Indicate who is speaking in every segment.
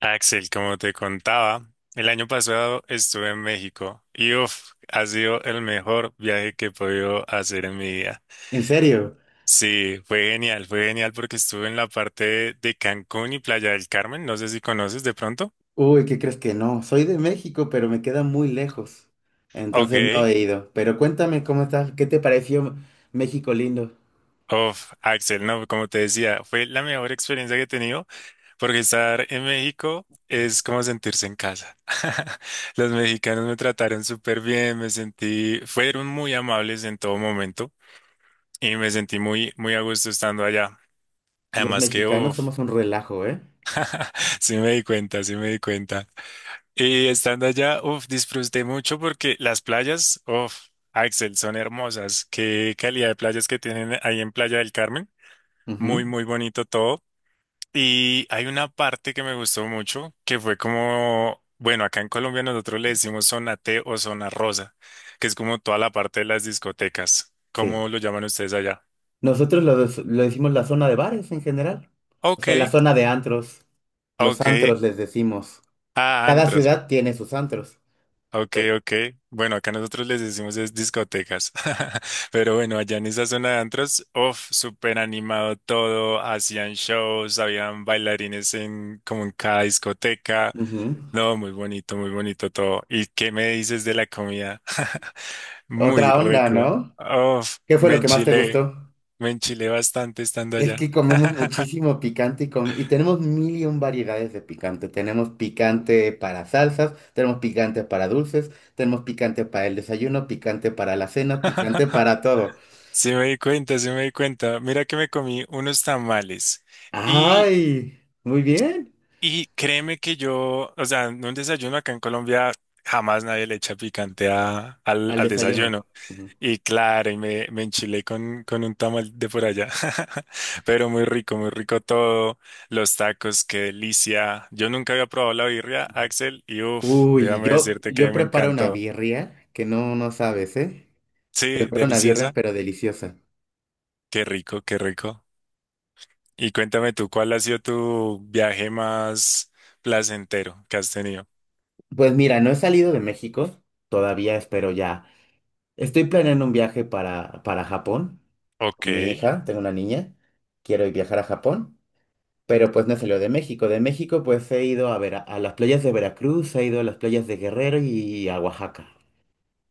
Speaker 1: Axel, como te contaba, el año pasado estuve en México y uf, ha sido el mejor viaje que he podido hacer en mi vida.
Speaker 2: ¿En serio?
Speaker 1: Sí, fue genial porque estuve en la parte de Cancún y Playa del Carmen, no sé si conoces de pronto.
Speaker 2: Uy, ¿qué crees que no? Soy de México, pero me queda muy lejos.
Speaker 1: Ok,
Speaker 2: Entonces no he ido. Pero cuéntame cómo estás, ¿qué te pareció México lindo?
Speaker 1: uf, Axel, no, como te decía, fue la mejor experiencia que he tenido porque estar en México es como sentirse en casa. Los mexicanos me trataron súper bien, me sentí, fueron muy amables en todo momento. Y me sentí muy, muy a gusto estando allá.
Speaker 2: Los
Speaker 1: Además que,
Speaker 2: mexicanos
Speaker 1: uff,
Speaker 2: somos un relajo, ¿eh?
Speaker 1: sí me di cuenta, sí me di cuenta. Y estando allá, uff, disfruté mucho porque las playas, uff, Axel, son hermosas. Qué calidad de playas que tienen ahí en Playa del Carmen.
Speaker 2: Ujú.
Speaker 1: Muy, muy bonito todo. Y hay una parte que me gustó mucho, que fue como, bueno, acá en Colombia nosotros le decimos zona T o zona rosa, que es como toda la parte de las discotecas.
Speaker 2: Sí.
Speaker 1: ¿Cómo lo llaman ustedes allá?
Speaker 2: Nosotros lo decimos la zona de bares en general. O sea, la
Speaker 1: Ok,
Speaker 2: zona de antros. Los
Speaker 1: ok.
Speaker 2: antros les decimos.
Speaker 1: Ah,
Speaker 2: Cada
Speaker 1: antros.
Speaker 2: ciudad tiene sus antros.
Speaker 1: Ok,
Speaker 2: Re-
Speaker 1: ok. Bueno, acá nosotros les decimos es discotecas. Pero bueno, allá en esa zona de antros, uff, súper animado todo. Hacían shows, habían bailarines en como en cada discoteca.
Speaker 2: Ujú.
Speaker 1: No, muy bonito todo. ¿Y qué me dices de la comida? Muy
Speaker 2: Otra onda,
Speaker 1: rico.
Speaker 2: ¿no?
Speaker 1: Uff,
Speaker 2: ¿Qué fue lo que más te gustó?
Speaker 1: me enchilé bastante estando
Speaker 2: Es
Speaker 1: allá.
Speaker 2: que comemos muchísimo picante y tenemos mil y un variedades de picante. Tenemos picante para salsas, tenemos picante para dulces, tenemos picante para el desayuno, picante para la cena, picante para todo.
Speaker 1: Sí me di cuenta, sí me di cuenta. Mira que me comí unos tamales.
Speaker 2: ¡Ay! Muy bien.
Speaker 1: Y créeme que yo, o sea, en un desayuno acá en Colombia jamás nadie le echa picante a- al,
Speaker 2: Al
Speaker 1: al
Speaker 2: desayuno.
Speaker 1: desayuno.
Speaker 2: Ujú.
Speaker 1: Y claro, y me enchilé con un tamal de por allá. Pero muy rico todo. Los tacos, qué delicia. Yo nunca había probado la birria, Axel, y uff,
Speaker 2: Uy,
Speaker 1: déjame
Speaker 2: yo,
Speaker 1: decirte que
Speaker 2: yo
Speaker 1: me
Speaker 2: preparo una
Speaker 1: encantó.
Speaker 2: birria que no, no sabes, ¿eh?
Speaker 1: Sí,
Speaker 2: Preparo una birria,
Speaker 1: deliciosa.
Speaker 2: pero deliciosa.
Speaker 1: Qué rico, qué rico. Y cuéntame tú, ¿cuál ha sido tu viaje más placentero que has tenido?
Speaker 2: Pues mira, no he salido de México, todavía espero ya. Estoy planeando un viaje para Japón
Speaker 1: Ok.
Speaker 2: con mi hija, tengo una niña, quiero viajar a Japón, pero pues no salió de México. De México pues he ido a las playas de Veracruz, he ido a las playas de Guerrero y a Oaxaca.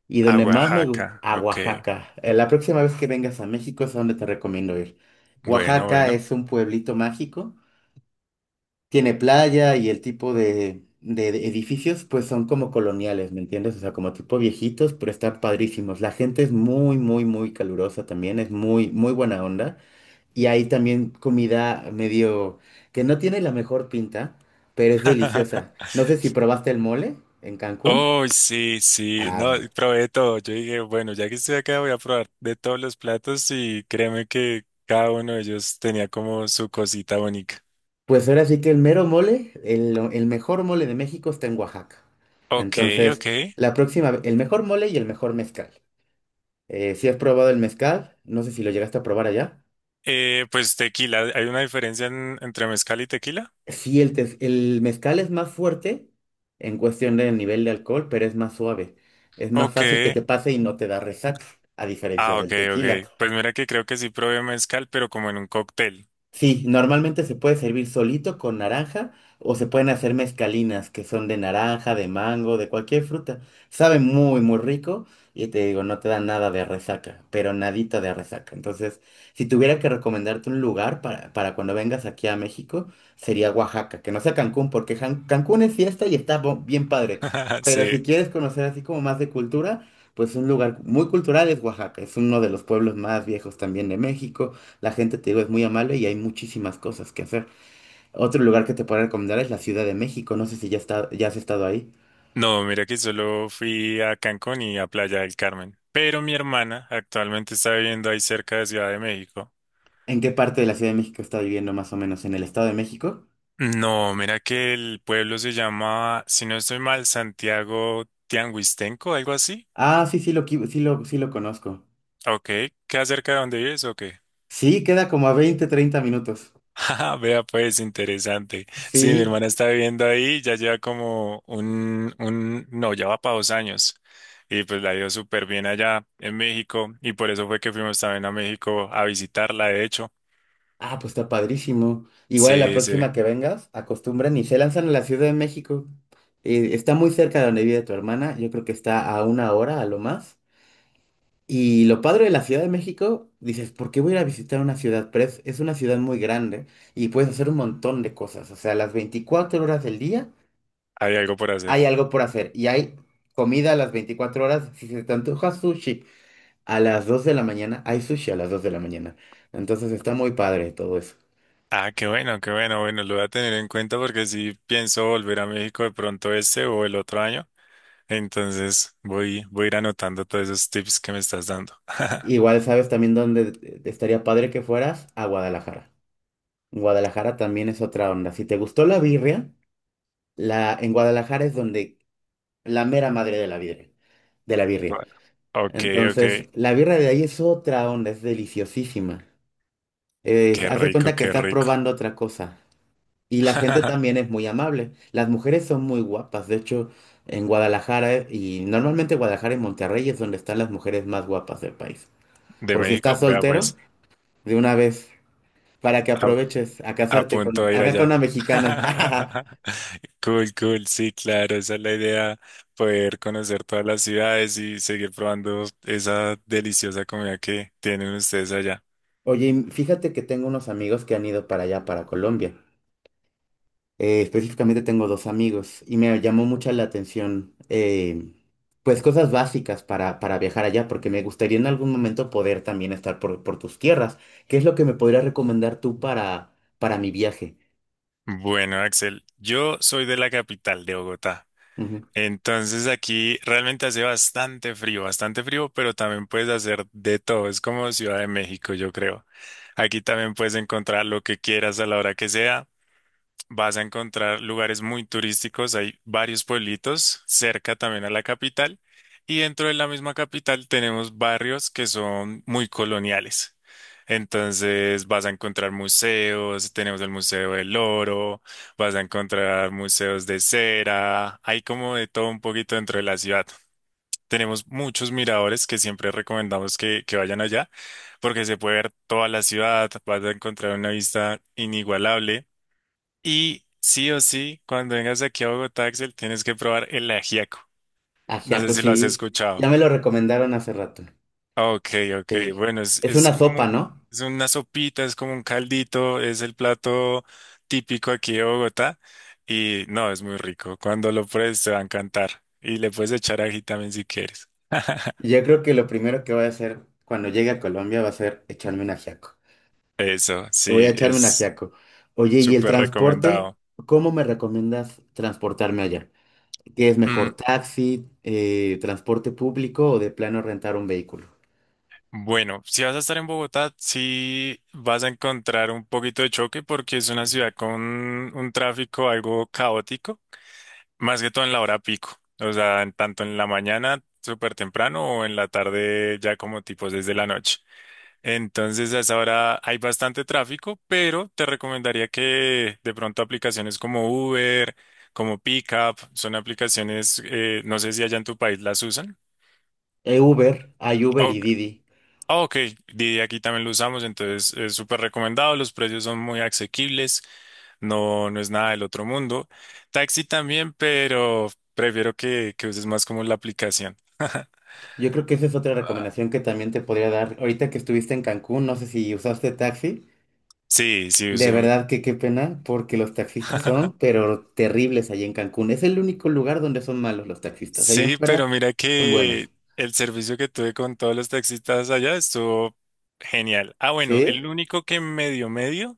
Speaker 2: Y
Speaker 1: A
Speaker 2: donde más me gusta,
Speaker 1: Oaxaca,
Speaker 2: a
Speaker 1: ok.
Speaker 2: Oaxaca. La próxima vez que vengas a México es a donde te recomiendo ir.
Speaker 1: Bueno,
Speaker 2: Oaxaca
Speaker 1: bueno.
Speaker 2: es un pueblito mágico. Tiene playa y el tipo de edificios pues son como coloniales, ¿me entiendes? O sea, como tipo viejitos, pero están padrísimos. La gente es muy, muy, muy calurosa también, es muy, muy buena onda. Y hay también comida medio que no tiene la mejor pinta, pero es deliciosa. No sé si probaste el mole en Cancún.
Speaker 1: Oh, sí, sí.
Speaker 2: Ah,
Speaker 1: No,
Speaker 2: bueno.
Speaker 1: probé todo. Yo dije, bueno, ya que estoy acá, voy a probar de todos los platos y créeme que cada uno de ellos tenía como su cosita bonita.
Speaker 2: Pues ahora sí que el mero mole, el mejor mole de México está en Oaxaca.
Speaker 1: Ok,
Speaker 2: Entonces,
Speaker 1: ok.
Speaker 2: la próxima, el mejor mole y el mejor mezcal. Si has probado el mezcal, no sé si lo llegaste a probar allá.
Speaker 1: Pues tequila, ¿hay una diferencia entre mezcal y tequila?
Speaker 2: Sí, el mezcal es más fuerte en cuestión del nivel de alcohol, pero es más suave. Es más
Speaker 1: Ok.
Speaker 2: fácil que te pase y no te da resaca, a diferencia
Speaker 1: Ah, ok,
Speaker 2: del tequila.
Speaker 1: ok. Pues mira que creo que sí probé mezcal, pero como en un cóctel.
Speaker 2: Sí, normalmente se puede servir solito con naranja o se pueden hacer mezcalinas que son de naranja, de mango, de cualquier fruta. Sabe muy, muy rico y te digo, no te da nada de resaca, pero nadita de resaca. Entonces, si tuviera que recomendarte un lugar para cuando vengas aquí a México, sería Oaxaca, que no sea Cancún, porque Cancún es fiesta y está bien padre. Pero si
Speaker 1: Sí.
Speaker 2: quieres conocer así como más de cultura, pues un lugar muy cultural es Oaxaca. Es uno de los pueblos más viejos también de México. La gente, te digo, es muy amable y hay muchísimas cosas que hacer. Otro lugar que te puedo recomendar es la Ciudad de México. No sé si ya has estado ahí.
Speaker 1: No, mira que solo fui a Cancún y a Playa del Carmen. Pero mi hermana actualmente está viviendo ahí cerca de Ciudad de México.
Speaker 2: ¿En qué parte de la Ciudad de México está viviendo más o menos? ¿En el Estado de México?
Speaker 1: No, mira que el pueblo se llama, si no estoy mal, Santiago Tianguistenco, algo así.
Speaker 2: Ah, sí, sí lo, qui- sí lo conozco.
Speaker 1: Ok, ¿qué acerca de donde vives o qué?
Speaker 2: Sí, queda como a 20, 30 minutos.
Speaker 1: Ajá, Vea, pues interesante. Sí, mi
Speaker 2: Sí.
Speaker 1: hermana está viviendo ahí, ya lleva como no, ya va para 2 años. Y pues la dio súper bien allá en México. Y por eso fue que fuimos también a México a visitarla, de hecho.
Speaker 2: Ah, pues está padrísimo. Igual a la
Speaker 1: Sí, sí,
Speaker 2: próxima que vengas, acostumbran y se lanzan a la Ciudad de México. Está muy cerca de donde vive tu hermana. Yo creo que está a una hora a lo más. Y lo padre de la Ciudad de México, dices, ¿por qué voy a ir a visitar una ciudad? Pero es una ciudad muy grande y puedes hacer un montón de cosas. O sea, las 24 horas del día
Speaker 1: hay algo por hacer.
Speaker 2: hay algo por hacer y hay comida a las 24 horas. Si se te antoja sushi a las 2 de la mañana, hay sushi a las 2 de la mañana. Entonces está muy padre todo eso.
Speaker 1: Ah, qué bueno, qué bueno. Bueno, lo voy a tener en cuenta porque sí pienso volver a México de pronto este o el otro año. Entonces voy a ir anotando todos esos tips que me estás dando.
Speaker 2: Igual sabes también dónde estaría padre que fueras a Guadalajara. Guadalajara también es otra onda. Si te gustó la birria, en Guadalajara es donde la mera madre de la birria, de la birria.
Speaker 1: Bueno. Ok, ok.
Speaker 2: Entonces, la birra de ahí es otra onda, es deliciosísima.
Speaker 1: Qué
Speaker 2: Haz de
Speaker 1: rico,
Speaker 2: cuenta que
Speaker 1: qué
Speaker 2: estás
Speaker 1: rico.
Speaker 2: probando otra cosa. Y la gente también es muy amable. Las mujeres son muy guapas. De hecho, en Guadalajara, y normalmente Guadalajara y Monterrey es donde están las mujeres más guapas del país.
Speaker 1: De
Speaker 2: Por si
Speaker 1: México,
Speaker 2: estás
Speaker 1: vea
Speaker 2: soltero,
Speaker 1: pues,
Speaker 2: de una vez, para que
Speaker 1: a,
Speaker 2: aproveches a
Speaker 1: a
Speaker 2: casarte
Speaker 1: punto de ir
Speaker 2: acá con
Speaker 1: allá.
Speaker 2: una mexicana.
Speaker 1: Cool, cool, sí, claro, esa es la idea, poder conocer todas las ciudades y seguir probando esa deliciosa comida que tienen ustedes allá.
Speaker 2: Oye, y fíjate que tengo unos amigos que han ido para allá, para Colombia. Específicamente tengo dos amigos y me llamó mucha la atención, pues cosas básicas para viajar allá, porque me gustaría en algún momento poder también estar por tus tierras. ¿Qué es lo que me podrías recomendar tú para mi viaje?
Speaker 1: Bueno, Axel, yo soy de la capital de Bogotá.
Speaker 2: Ujú.
Speaker 1: Entonces aquí realmente hace bastante frío, pero también puedes hacer de todo. Es como Ciudad de México, yo creo. Aquí también puedes encontrar lo que quieras a la hora que sea. Vas a encontrar lugares muy turísticos, hay varios pueblitos cerca también a la capital y dentro de la misma capital tenemos barrios que son muy coloniales. Entonces vas a encontrar museos, tenemos el Museo del Oro, vas a encontrar museos de cera, hay como de todo un poquito dentro de la ciudad. Tenemos muchos miradores que siempre recomendamos que vayan allá porque se puede ver toda la ciudad, vas a encontrar una vista inigualable. Y sí o sí, cuando vengas aquí a Bogotá, Axel, tienes que probar el ajiaco. No sé
Speaker 2: Ajiaco,
Speaker 1: si lo has
Speaker 2: sí, ya
Speaker 1: escuchado.
Speaker 2: me lo recomendaron hace rato.
Speaker 1: Ok, ok. Bueno, es,
Speaker 2: Es
Speaker 1: es
Speaker 2: una
Speaker 1: como
Speaker 2: sopa, ¿no?
Speaker 1: es una sopita, es como un caldito, es el plato típico aquí de Bogotá. Y no, es muy rico. Cuando lo pruebes te va a encantar. Y le puedes echar ají también si quieres.
Speaker 2: Yo creo que lo primero que voy a hacer cuando llegue a Colombia va a ser echarme un ajiaco.
Speaker 1: Eso,
Speaker 2: Voy a
Speaker 1: sí,
Speaker 2: echarme un
Speaker 1: es
Speaker 2: ajiaco. Oye, ¿y el
Speaker 1: súper
Speaker 2: transporte?
Speaker 1: recomendado.
Speaker 2: ¿Cómo me recomiendas transportarme allá? ¿Qué es mejor,
Speaker 1: Mm,
Speaker 2: taxi, transporte público o de plano rentar un vehículo?
Speaker 1: bueno, si vas a estar en Bogotá, sí vas a encontrar un poquito de choque porque es una ciudad con un tráfico algo caótico, más que todo en la hora pico, o sea, en tanto en la mañana súper temprano o en la tarde ya como tipo desde la noche. Entonces, a esa hora hay bastante tráfico, pero te recomendaría que de pronto aplicaciones como Uber, como Pickup, son aplicaciones, no sé si allá en tu país las usan.
Speaker 2: Uber, hay Uber y Didi.
Speaker 1: Ah, ok, Didi aquí también lo usamos, entonces es súper recomendado, los precios son muy asequibles, no, no es nada del otro mundo. Taxi también, pero prefiero que uses más como la aplicación.
Speaker 2: Yo creo que esa es otra recomendación que también te podría dar. Ahorita que estuviste en Cancún, no sé si usaste taxi.
Speaker 1: Sí, sí,
Speaker 2: De
Speaker 1: usé.
Speaker 2: verdad que qué pena, porque los taxistas son, pero terribles allí en Cancún. Es el único lugar donde son malos los taxistas. Allá en
Speaker 1: Sí,
Speaker 2: fuera
Speaker 1: pero mira
Speaker 2: son
Speaker 1: que
Speaker 2: buenos.
Speaker 1: el servicio que tuve con todos los taxistas allá estuvo genial. Ah, bueno, el
Speaker 2: ¿Sí?
Speaker 1: único que medio medio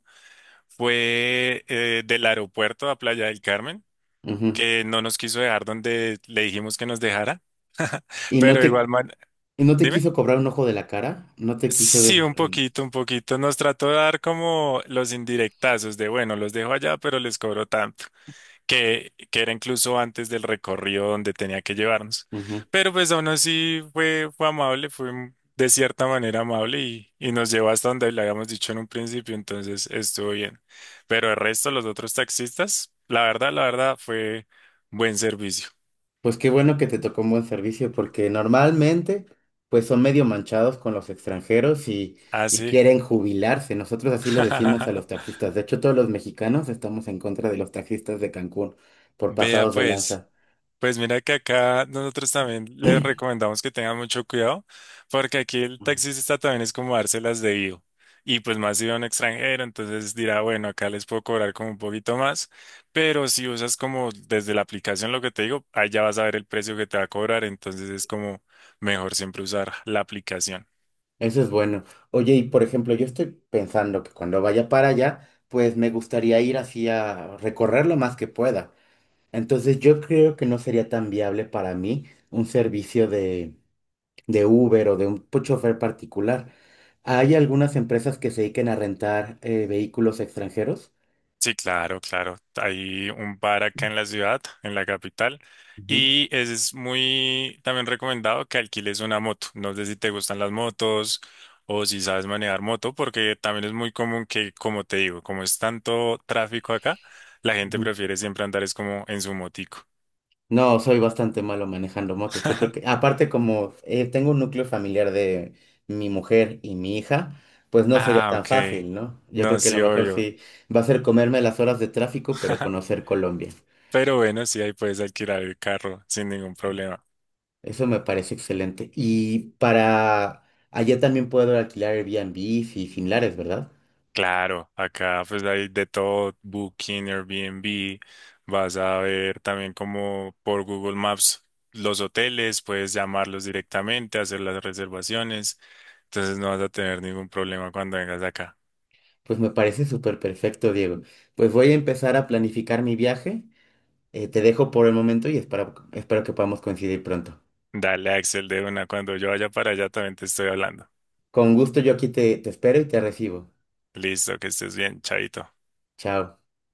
Speaker 1: fue del aeropuerto a Playa del Carmen,
Speaker 2: Ujú.
Speaker 1: que no nos quiso dejar donde le dijimos que nos dejara.
Speaker 2: Y no
Speaker 1: Pero igual,
Speaker 2: te,
Speaker 1: man,
Speaker 2: y no te
Speaker 1: dime.
Speaker 2: quiso cobrar un ojo de la cara, no te quiso.
Speaker 1: Sí, un poquito, un poquito. Nos trató de dar como los indirectazos de, bueno, los dejo allá, pero les cobro tanto, que era incluso antes del recorrido donde tenía que llevarnos.
Speaker 2: Ujú.
Speaker 1: Pero pues aún así fue, fue amable, fue un- de cierta manera amable y nos llevó hasta donde le habíamos dicho en un principio, entonces estuvo bien. Pero el resto, los otros taxistas, la verdad, fue buen servicio.
Speaker 2: Pues qué bueno que te tocó un buen servicio, porque normalmente pues son medio manchados con los extranjeros y
Speaker 1: Así.
Speaker 2: quieren jubilarse. Nosotros así le decimos a los taxistas. De hecho, todos los mexicanos estamos en contra de los taxistas de Cancún por
Speaker 1: Vea
Speaker 2: pasados de
Speaker 1: pues.
Speaker 2: lanza.
Speaker 1: Pues mira que acá nosotros también le recomendamos que tengan mucho cuidado, porque aquí el
Speaker 2: Mm.
Speaker 1: taxista también es como dárselas de vivo. Y pues más si va un extranjero, entonces dirá, bueno, acá les puedo cobrar como un poquito más, pero si usas como desde la aplicación lo que te digo, ahí ya vas a ver el precio que te va a cobrar, entonces es como mejor siempre usar la aplicación.
Speaker 2: Eso es bueno. Oye, y por ejemplo, yo estoy pensando que cuando vaya para allá, pues me gustaría ir así a recorrer lo más que pueda. Entonces yo creo que no sería tan viable para mí un servicio de Uber o de un chofer particular. Hay algunas empresas que se dediquen a rentar vehículos extranjeros.
Speaker 1: Sí, claro, claro. Hay un bar acá en la ciudad, en la capital,
Speaker 2: Ujú.
Speaker 1: y es muy también recomendado que alquiles una moto. No sé si te gustan las motos o si sabes manejar moto, porque también es muy común que, como te digo, como es tanto tráfico acá, la gente
Speaker 2: Ujú.
Speaker 1: prefiere siempre andar es como en su motico.
Speaker 2: No, soy bastante malo manejando motos. Yo creo que, aparte como tengo un núcleo familiar de mi mujer y mi hija, pues no sería
Speaker 1: Ah,
Speaker 2: tan
Speaker 1: ok.
Speaker 2: fácil, ¿no? Yo creo
Speaker 1: No,
Speaker 2: que lo
Speaker 1: sí,
Speaker 2: mejor
Speaker 1: obvio.
Speaker 2: sí va a ser comerme las horas de tráfico, pero conocer Colombia.
Speaker 1: Pero bueno, sí, ahí puedes alquilar el carro sin ningún problema.
Speaker 2: Eso me parece excelente. Y para allá también puedo alquilar Airbnb y similares, ¿verdad?
Speaker 1: Claro, acá pues hay de todo, Booking, Airbnb, vas a ver también como por Google Maps los hoteles, puedes llamarlos directamente, hacer las reservaciones, entonces no vas a tener ningún problema cuando vengas acá.
Speaker 2: Pues me parece súper perfecto, Diego. Pues voy a empezar a planificar mi viaje. Te dejo por el momento y espero que podamos coincidir pronto.
Speaker 1: Dale, Axel, de una, cuando yo vaya para allá también te estoy hablando.
Speaker 2: Con gusto yo aquí te espero y te recibo.
Speaker 1: Listo, que estés bien, chaito.
Speaker 2: Chao.